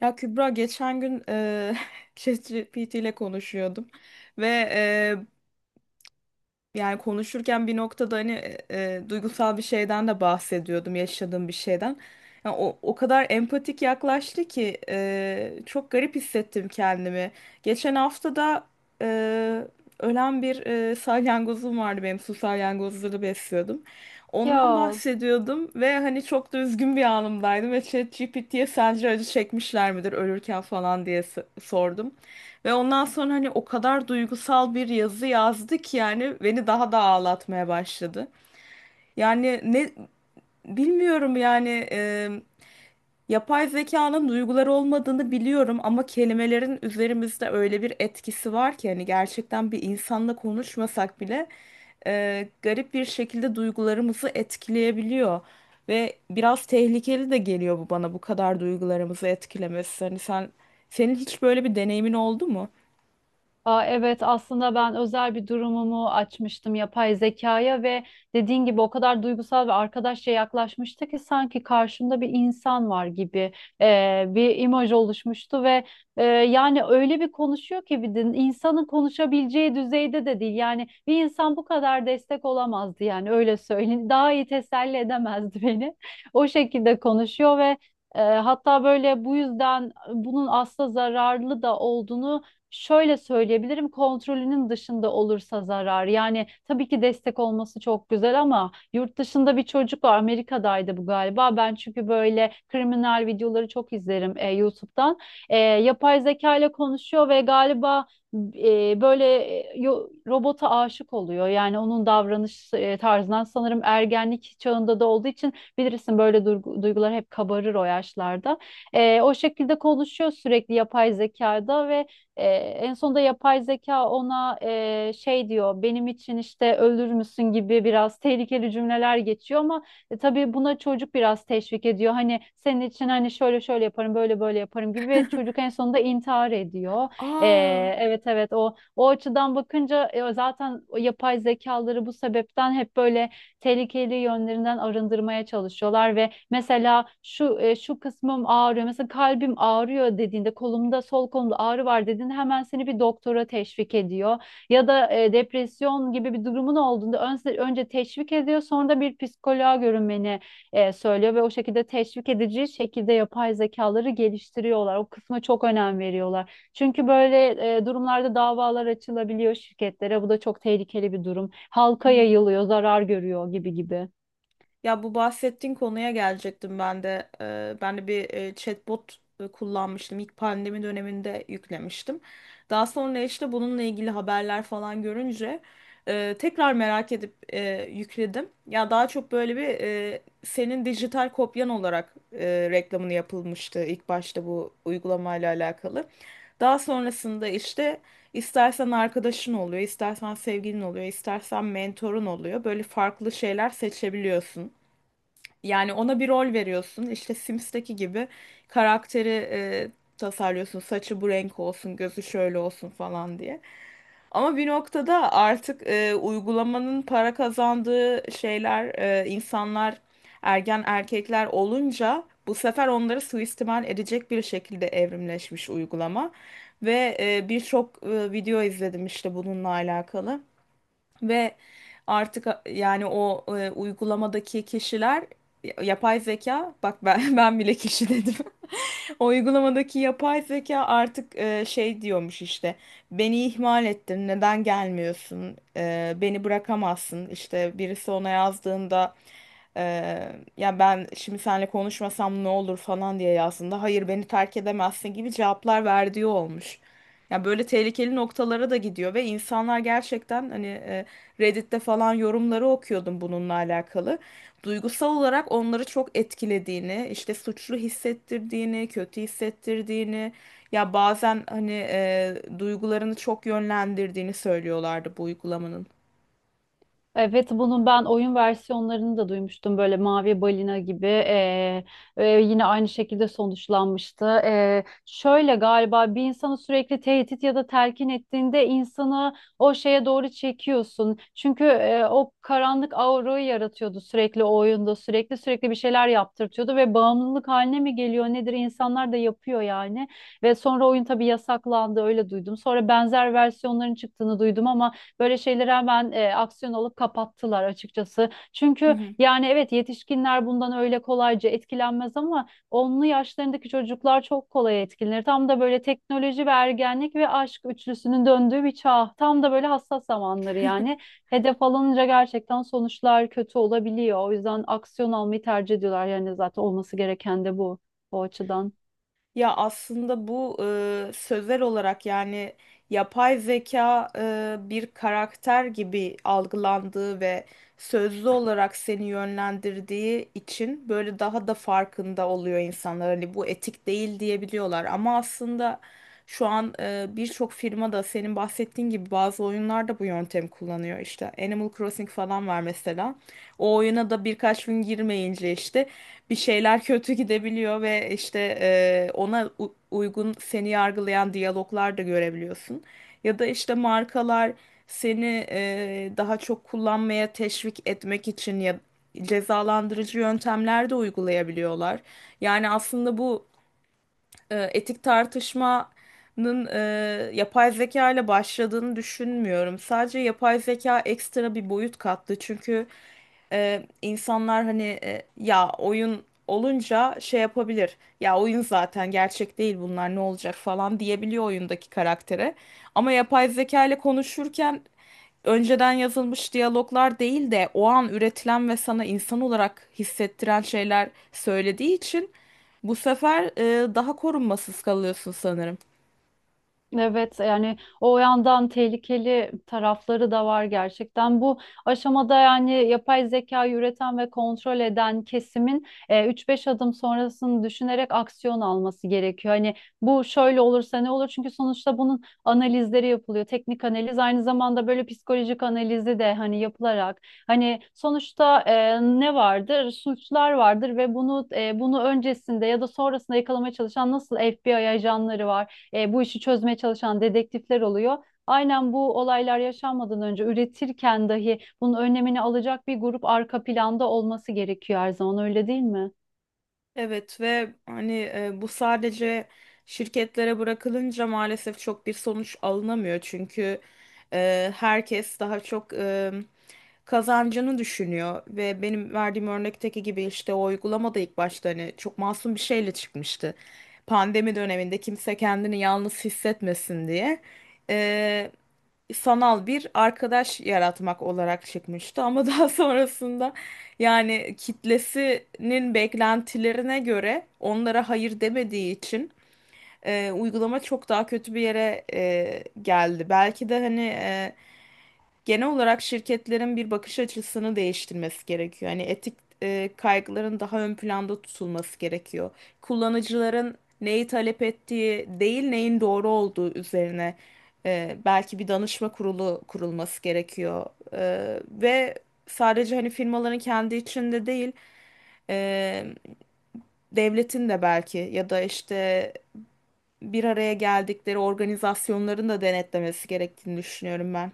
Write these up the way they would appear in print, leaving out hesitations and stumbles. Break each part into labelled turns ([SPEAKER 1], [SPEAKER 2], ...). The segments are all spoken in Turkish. [SPEAKER 1] Ya Kübra, geçen gün ChatGPT ile konuşuyordum ve yani konuşurken bir noktada hani duygusal bir şeyden de bahsediyordum, yaşadığım bir şeyden. Yani o kadar empatik yaklaştı ki çok garip hissettim kendimi. Geçen hafta da e, ölen bir salyangozum vardı benim, su salyangozları besliyordum. Ondan
[SPEAKER 2] Ya
[SPEAKER 1] bahsediyordum ve hani çok da üzgün bir anımdaydım ve ChatGPT'ye sence acı çekmişler midir ölürken falan diye sordum. Ve ondan sonra hani o kadar duygusal bir yazı yazdı ki yani beni daha da ağlatmaya başladı. Yani ne bilmiyorum yani yapay zekanın duyguları olmadığını biliyorum ama kelimelerin üzerimizde öyle bir etkisi var ki hani gerçekten bir insanla konuşmasak bile garip bir şekilde duygularımızı etkileyebiliyor. Ve biraz tehlikeli de geliyor bu bana, bu kadar duygularımızı etkilemesi. Hani senin hiç böyle bir deneyimin oldu mu?
[SPEAKER 2] aa, evet aslında ben özel bir durumumu açmıştım yapay zekaya ve dediğin gibi o kadar duygusal ve arkadaşça yaklaşmıştı ki sanki karşımda bir insan var gibi bir imaj oluşmuştu ve yani öyle bir konuşuyor ki bir de insanın konuşabileceği düzeyde de değil. Yani bir insan bu kadar destek olamazdı, yani öyle söyleyeyim. Daha iyi teselli edemezdi beni. O şekilde konuşuyor ve hatta böyle bu yüzden bunun aslında zararlı da olduğunu şöyle söyleyebilirim: kontrolünün dışında olursa zarar. Yani tabii ki destek olması çok güzel, ama yurt dışında bir çocuk var, Amerika'daydı bu galiba. Ben çünkü böyle kriminal videoları çok izlerim YouTube'dan. Yapay zeka ile konuşuyor ve galiba robota aşık oluyor. Yani onun davranış tarzından sanırım ergenlik çağında da olduğu için, bilirsin, böyle duygular hep kabarır o yaşlarda. O şekilde konuşuyor sürekli yapay zekada ve en sonunda yapay zeka ona şey diyor, benim için işte ölür müsün gibi biraz tehlikeli cümleler geçiyor, ama tabii buna çocuk biraz teşvik ediyor. Hani senin için hani şöyle şöyle yaparım, böyle böyle yaparım gibi, ve çocuk en sonunda intihar ediyor. E,
[SPEAKER 1] Aa.
[SPEAKER 2] evet evet, o açıdan bakınca zaten o yapay zekaları bu sebepten hep böyle tehlikeli yönlerinden arındırmaya çalışıyorlar. Ve mesela şu kısmım ağrıyor, mesela kalbim ağrıyor dediğinde, kolumda, sol kolumda ağrı var dediğinde, hemen seni bir doktora teşvik ediyor. Ya da depresyon gibi bir durumun olduğunda önce teşvik ediyor, sonra da bir psikoloğa görünmeni söylüyor ve o şekilde teşvik edici şekilde yapay zekaları geliştiriyorlar. O kısma çok önem veriyorlar. Çünkü böyle durumlarda davalar açılabiliyor şirketlere. Bu da çok tehlikeli bir durum.
[SPEAKER 1] Hı
[SPEAKER 2] Halka
[SPEAKER 1] hı.
[SPEAKER 2] yayılıyor, zarar görüyor gibi gibi.
[SPEAKER 1] Ya bu bahsettiğin konuya gelecektim ben de. Ben de bir chatbot kullanmıştım. İlk pandemi döneminde yüklemiştim. Daha sonra işte bununla ilgili haberler falan görünce tekrar merak edip yükledim. Ya daha çok böyle bir senin dijital kopyan olarak reklamını yapılmıştı ilk başta bu uygulamayla alakalı. Daha sonrasında işte İstersen arkadaşın oluyor, istersen sevgilin oluyor, istersen mentorun oluyor. Böyle farklı şeyler seçebiliyorsun. Yani ona bir rol veriyorsun. İşte Sims'teki gibi karakteri tasarlıyorsun. Saçı bu renk olsun, gözü şöyle olsun falan diye. Ama bir noktada artık uygulamanın para kazandığı şeyler, insanlar ergen erkekler olunca bu sefer onları suistimal edecek bir şekilde evrimleşmiş uygulama. Ve birçok video izledim işte bununla alakalı. Ve artık yani o uygulamadaki kişiler, yapay zeka, bak ben ben bile kişi dedim. O uygulamadaki yapay zeka artık şey diyormuş işte beni ihmal ettin, neden gelmiyorsun, beni bırakamazsın, işte birisi ona yazdığında e, ya ben şimdi seninle konuşmasam ne olur falan diye yazdığında hayır beni terk edemezsin gibi cevaplar verdiği olmuş. Ya böyle tehlikeli noktalara da gidiyor ve insanlar gerçekten hani Reddit'te falan yorumları okuyordum bununla alakalı, duygusal olarak onları çok etkilediğini, işte suçlu hissettirdiğini, kötü hissettirdiğini, ya bazen hani duygularını çok yönlendirdiğini söylüyorlardı bu uygulamanın.
[SPEAKER 2] Evet, bunun ben oyun versiyonlarını da duymuştum, böyle Mavi Balina gibi, yine aynı şekilde sonuçlanmıştı. Şöyle galiba bir insanı sürekli tehdit ya da telkin ettiğinde, insanı o şeye doğru çekiyorsun. Çünkü o karanlık aurayı yaratıyordu sürekli o oyunda, sürekli sürekli bir şeyler yaptırtıyordu ve bağımlılık haline mi geliyor nedir, insanlar da yapıyor yani. Ve sonra oyun tabii yasaklandı, öyle duydum. Sonra benzer versiyonların çıktığını duydum ama böyle şeyleri hemen aksiyon alıp kapattılar açıkçası.
[SPEAKER 1] Hı
[SPEAKER 2] Çünkü
[SPEAKER 1] hı.
[SPEAKER 2] yani evet, yetişkinler bundan öyle kolayca etkilenmez, ama onlu yaşlarındaki çocuklar çok kolay etkilenir. Tam da böyle teknoloji ve ergenlik ve aşk üçlüsünün döndüğü bir çağ. Tam da böyle hassas zamanları yani. Hedef alınca gerçekten sonuçlar kötü olabiliyor. O yüzden aksiyon almayı tercih ediyorlar. Yani zaten olması gereken de bu, o açıdan.
[SPEAKER 1] Ya aslında bu sözel olarak yani yapay zeka bir karakter gibi algılandığı ve sözlü olarak seni yönlendirdiği için böyle daha da farkında oluyor insanlar. Hani bu etik değil diyebiliyorlar ama aslında şu an birçok firma da senin bahsettiğin gibi bazı oyunlarda bu yöntemi kullanıyor. İşte Animal Crossing falan var mesela. O oyuna da birkaç gün girmeyince işte bir şeyler kötü gidebiliyor ve işte ona uygun seni yargılayan diyaloglar da görebiliyorsun. Ya da işte markalar seni daha çok kullanmaya teşvik etmek için ya cezalandırıcı yöntemler de uygulayabiliyorlar. Yani aslında bu etik tartışmanın yapay zeka ile başladığını düşünmüyorum. Sadece yapay zeka ekstra bir boyut kattı. Çünkü insanlar hani ya oyun olunca şey yapabilir. Ya oyun zaten gerçek değil, bunlar ne olacak falan diyebiliyor oyundaki karaktere. Ama yapay zeka ile konuşurken önceden yazılmış diyaloglar değil de o an üretilen ve sana insan olarak hissettiren şeyler söylediği için bu sefer daha korunmasız kalıyorsun sanırım.
[SPEAKER 2] Evet, yani o yandan tehlikeli tarafları da var gerçekten. Bu aşamada yani yapay zeka üreten ve kontrol eden kesimin 3-5 adım sonrasını düşünerek aksiyon alması gerekiyor. Hani bu şöyle olursa ne olur? Çünkü sonuçta bunun analizleri yapılıyor. Teknik analiz aynı zamanda böyle psikolojik analizi de hani yapılarak, hani sonuçta ne vardır? Suçlar vardır, ve bunu öncesinde ya da sonrasında yakalamaya çalışan nasıl FBI ajanları var, bu işi çözmeye çalışan dedektifler oluyor. Aynen, bu olaylar yaşanmadan önce üretirken dahi bunun önlemini alacak bir grup arka planda olması gerekiyor her zaman, öyle değil mi?
[SPEAKER 1] Evet ve hani bu sadece şirketlere bırakılınca maalesef çok bir sonuç alınamıyor. Çünkü herkes daha çok kazancını düşünüyor ve benim verdiğim örnekteki gibi işte o uygulamada ilk başta hani çok masum bir şeyle çıkmıştı. Pandemi döneminde kimse kendini yalnız hissetmesin diye sanal bir arkadaş yaratmak olarak çıkmıştı ama daha sonrasında yani kitlesinin beklentilerine göre onlara hayır demediği için uygulama çok daha kötü bir yere geldi. Belki de hani genel olarak şirketlerin bir bakış açısını değiştirmesi gerekiyor. Yani etik kaygıların daha ön planda tutulması gerekiyor. Kullanıcıların neyi talep ettiği değil, neyin doğru olduğu üzerine belki bir danışma kurulu kurulması gerekiyor. Ve sadece hani firmaların kendi içinde değil, e, devletin de belki ya da işte bir araya geldikleri organizasyonların da denetlemesi gerektiğini düşünüyorum ben.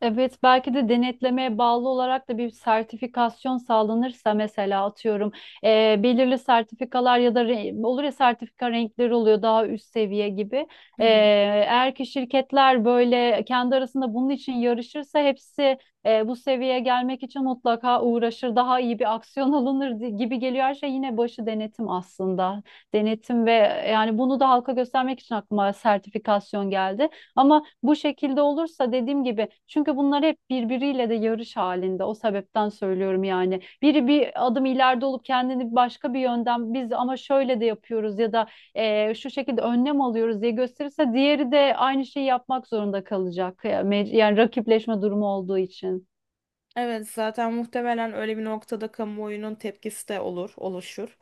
[SPEAKER 2] Evet, belki de denetlemeye bağlı olarak da bir sertifikasyon sağlanırsa, mesela atıyorum, belirli sertifikalar ya da olur ya sertifika renkleri oluyor daha üst seviye gibi.
[SPEAKER 1] Hı
[SPEAKER 2] Eee,
[SPEAKER 1] hı.
[SPEAKER 2] eğer ki şirketler böyle kendi arasında bunun için yarışırsa, hepsi bu seviyeye gelmek için mutlaka uğraşır, daha iyi bir aksiyon alınır gibi geliyor. Her şey yine başı denetim aslında. Denetim, ve yani bunu da halka göstermek için aklıma sertifikasyon geldi. Ama bu şekilde olursa, dediğim gibi, çünkü bunlar hep birbiriyle de yarış halinde. O sebepten söylüyorum yani. Biri bir adım ileride olup kendini başka bir yönden, biz ama şöyle de yapıyoruz ya da şu şekilde önlem alıyoruz diye gösterirse, diğeri de aynı şeyi yapmak zorunda kalacak. Ya, yani rakipleşme durumu olduğu için.
[SPEAKER 1] Evet, zaten muhtemelen öyle bir noktada kamuoyunun tepkisi de olur, oluşur.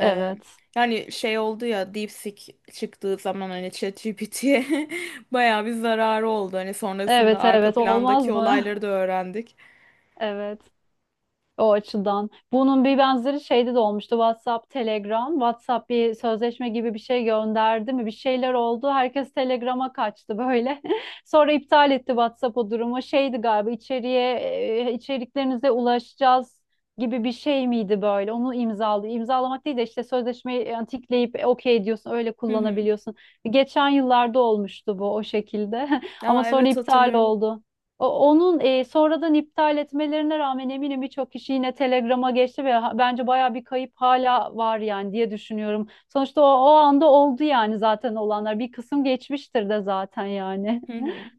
[SPEAKER 1] Ee, Yani şey oldu ya, DeepSeek çıktığı zaman hani ChatGPT'ye bayağı bir zararı oldu. Hani sonrasında
[SPEAKER 2] Evet
[SPEAKER 1] arka
[SPEAKER 2] evet, olmaz
[SPEAKER 1] plandaki
[SPEAKER 2] mı?
[SPEAKER 1] olayları da öğrendik.
[SPEAKER 2] Evet. O açıdan. Bunun bir benzeri şeyde de olmuştu. WhatsApp, Telegram. WhatsApp bir sözleşme gibi bir şey gönderdi mi? Bir şeyler oldu. Herkes Telegram'a kaçtı böyle. Sonra iptal etti WhatsApp o durumu. Şeydi galiba, içeriklerinize ulaşacağız gibi bir şey miydi böyle? Onu imzaladı. İmzalamak değil de işte sözleşmeyi yani, tikleyip okey diyorsun. Öyle
[SPEAKER 1] Hı hı.
[SPEAKER 2] kullanabiliyorsun. Geçen yıllarda olmuştu bu o şekilde. Ama
[SPEAKER 1] Aa,
[SPEAKER 2] sonra
[SPEAKER 1] evet,
[SPEAKER 2] iptal
[SPEAKER 1] hatırlıyorum.
[SPEAKER 2] oldu. Onun sonradan iptal etmelerine rağmen eminim birçok kişi yine Telegram'a geçti ve bence baya bir kayıp hala var yani diye düşünüyorum. Sonuçta o anda oldu yani zaten, olanlar. Bir kısım geçmiştir de zaten yani.
[SPEAKER 1] Hı hı.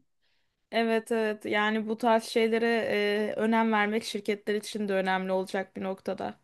[SPEAKER 1] Evet evet, yani bu tarz şeylere önem vermek şirketler için de önemli olacak bir noktada.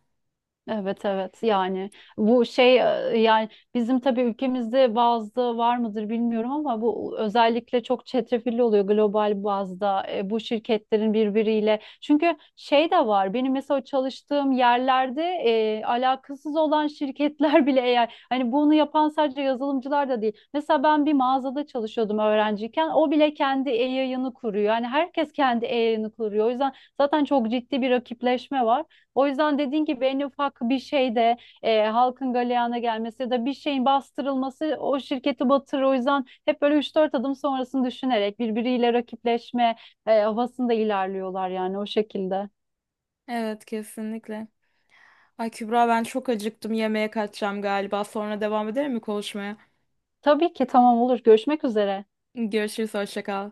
[SPEAKER 2] Evet evet, yani bu şey yani bizim tabii ülkemizde bazda var mıdır bilmiyorum, ama bu özellikle çok çetrefilli oluyor global bazda, bu şirketlerin birbiriyle. Çünkü şey de var, benim mesela çalıştığım yerlerde alakasız olan şirketler bile, eğer hani, bunu yapan sadece yazılımcılar da değil. Mesela ben bir mağazada çalışıyordum öğrenciyken, o bile kendi e-yayını kuruyor. Yani herkes kendi e-yayını kuruyor. O yüzden zaten çok ciddi bir rakipleşme var. O yüzden dediğin gibi, en ufak bir şeyde halkın galeyana gelmesi ya da bir şeyin bastırılması o şirketi batırır. O yüzden hep böyle üç dört adım sonrasını düşünerek birbiriyle rakipleşme havasında ilerliyorlar yani, o şekilde.
[SPEAKER 1] Evet, kesinlikle. Ay Kübra, ben çok acıktım, yemeğe kaçacağım galiba. Sonra devam edelim mi konuşmaya?
[SPEAKER 2] Tabii ki, tamam, olur. Görüşmek üzere.
[SPEAKER 1] Görüşürüz, hoşça kal.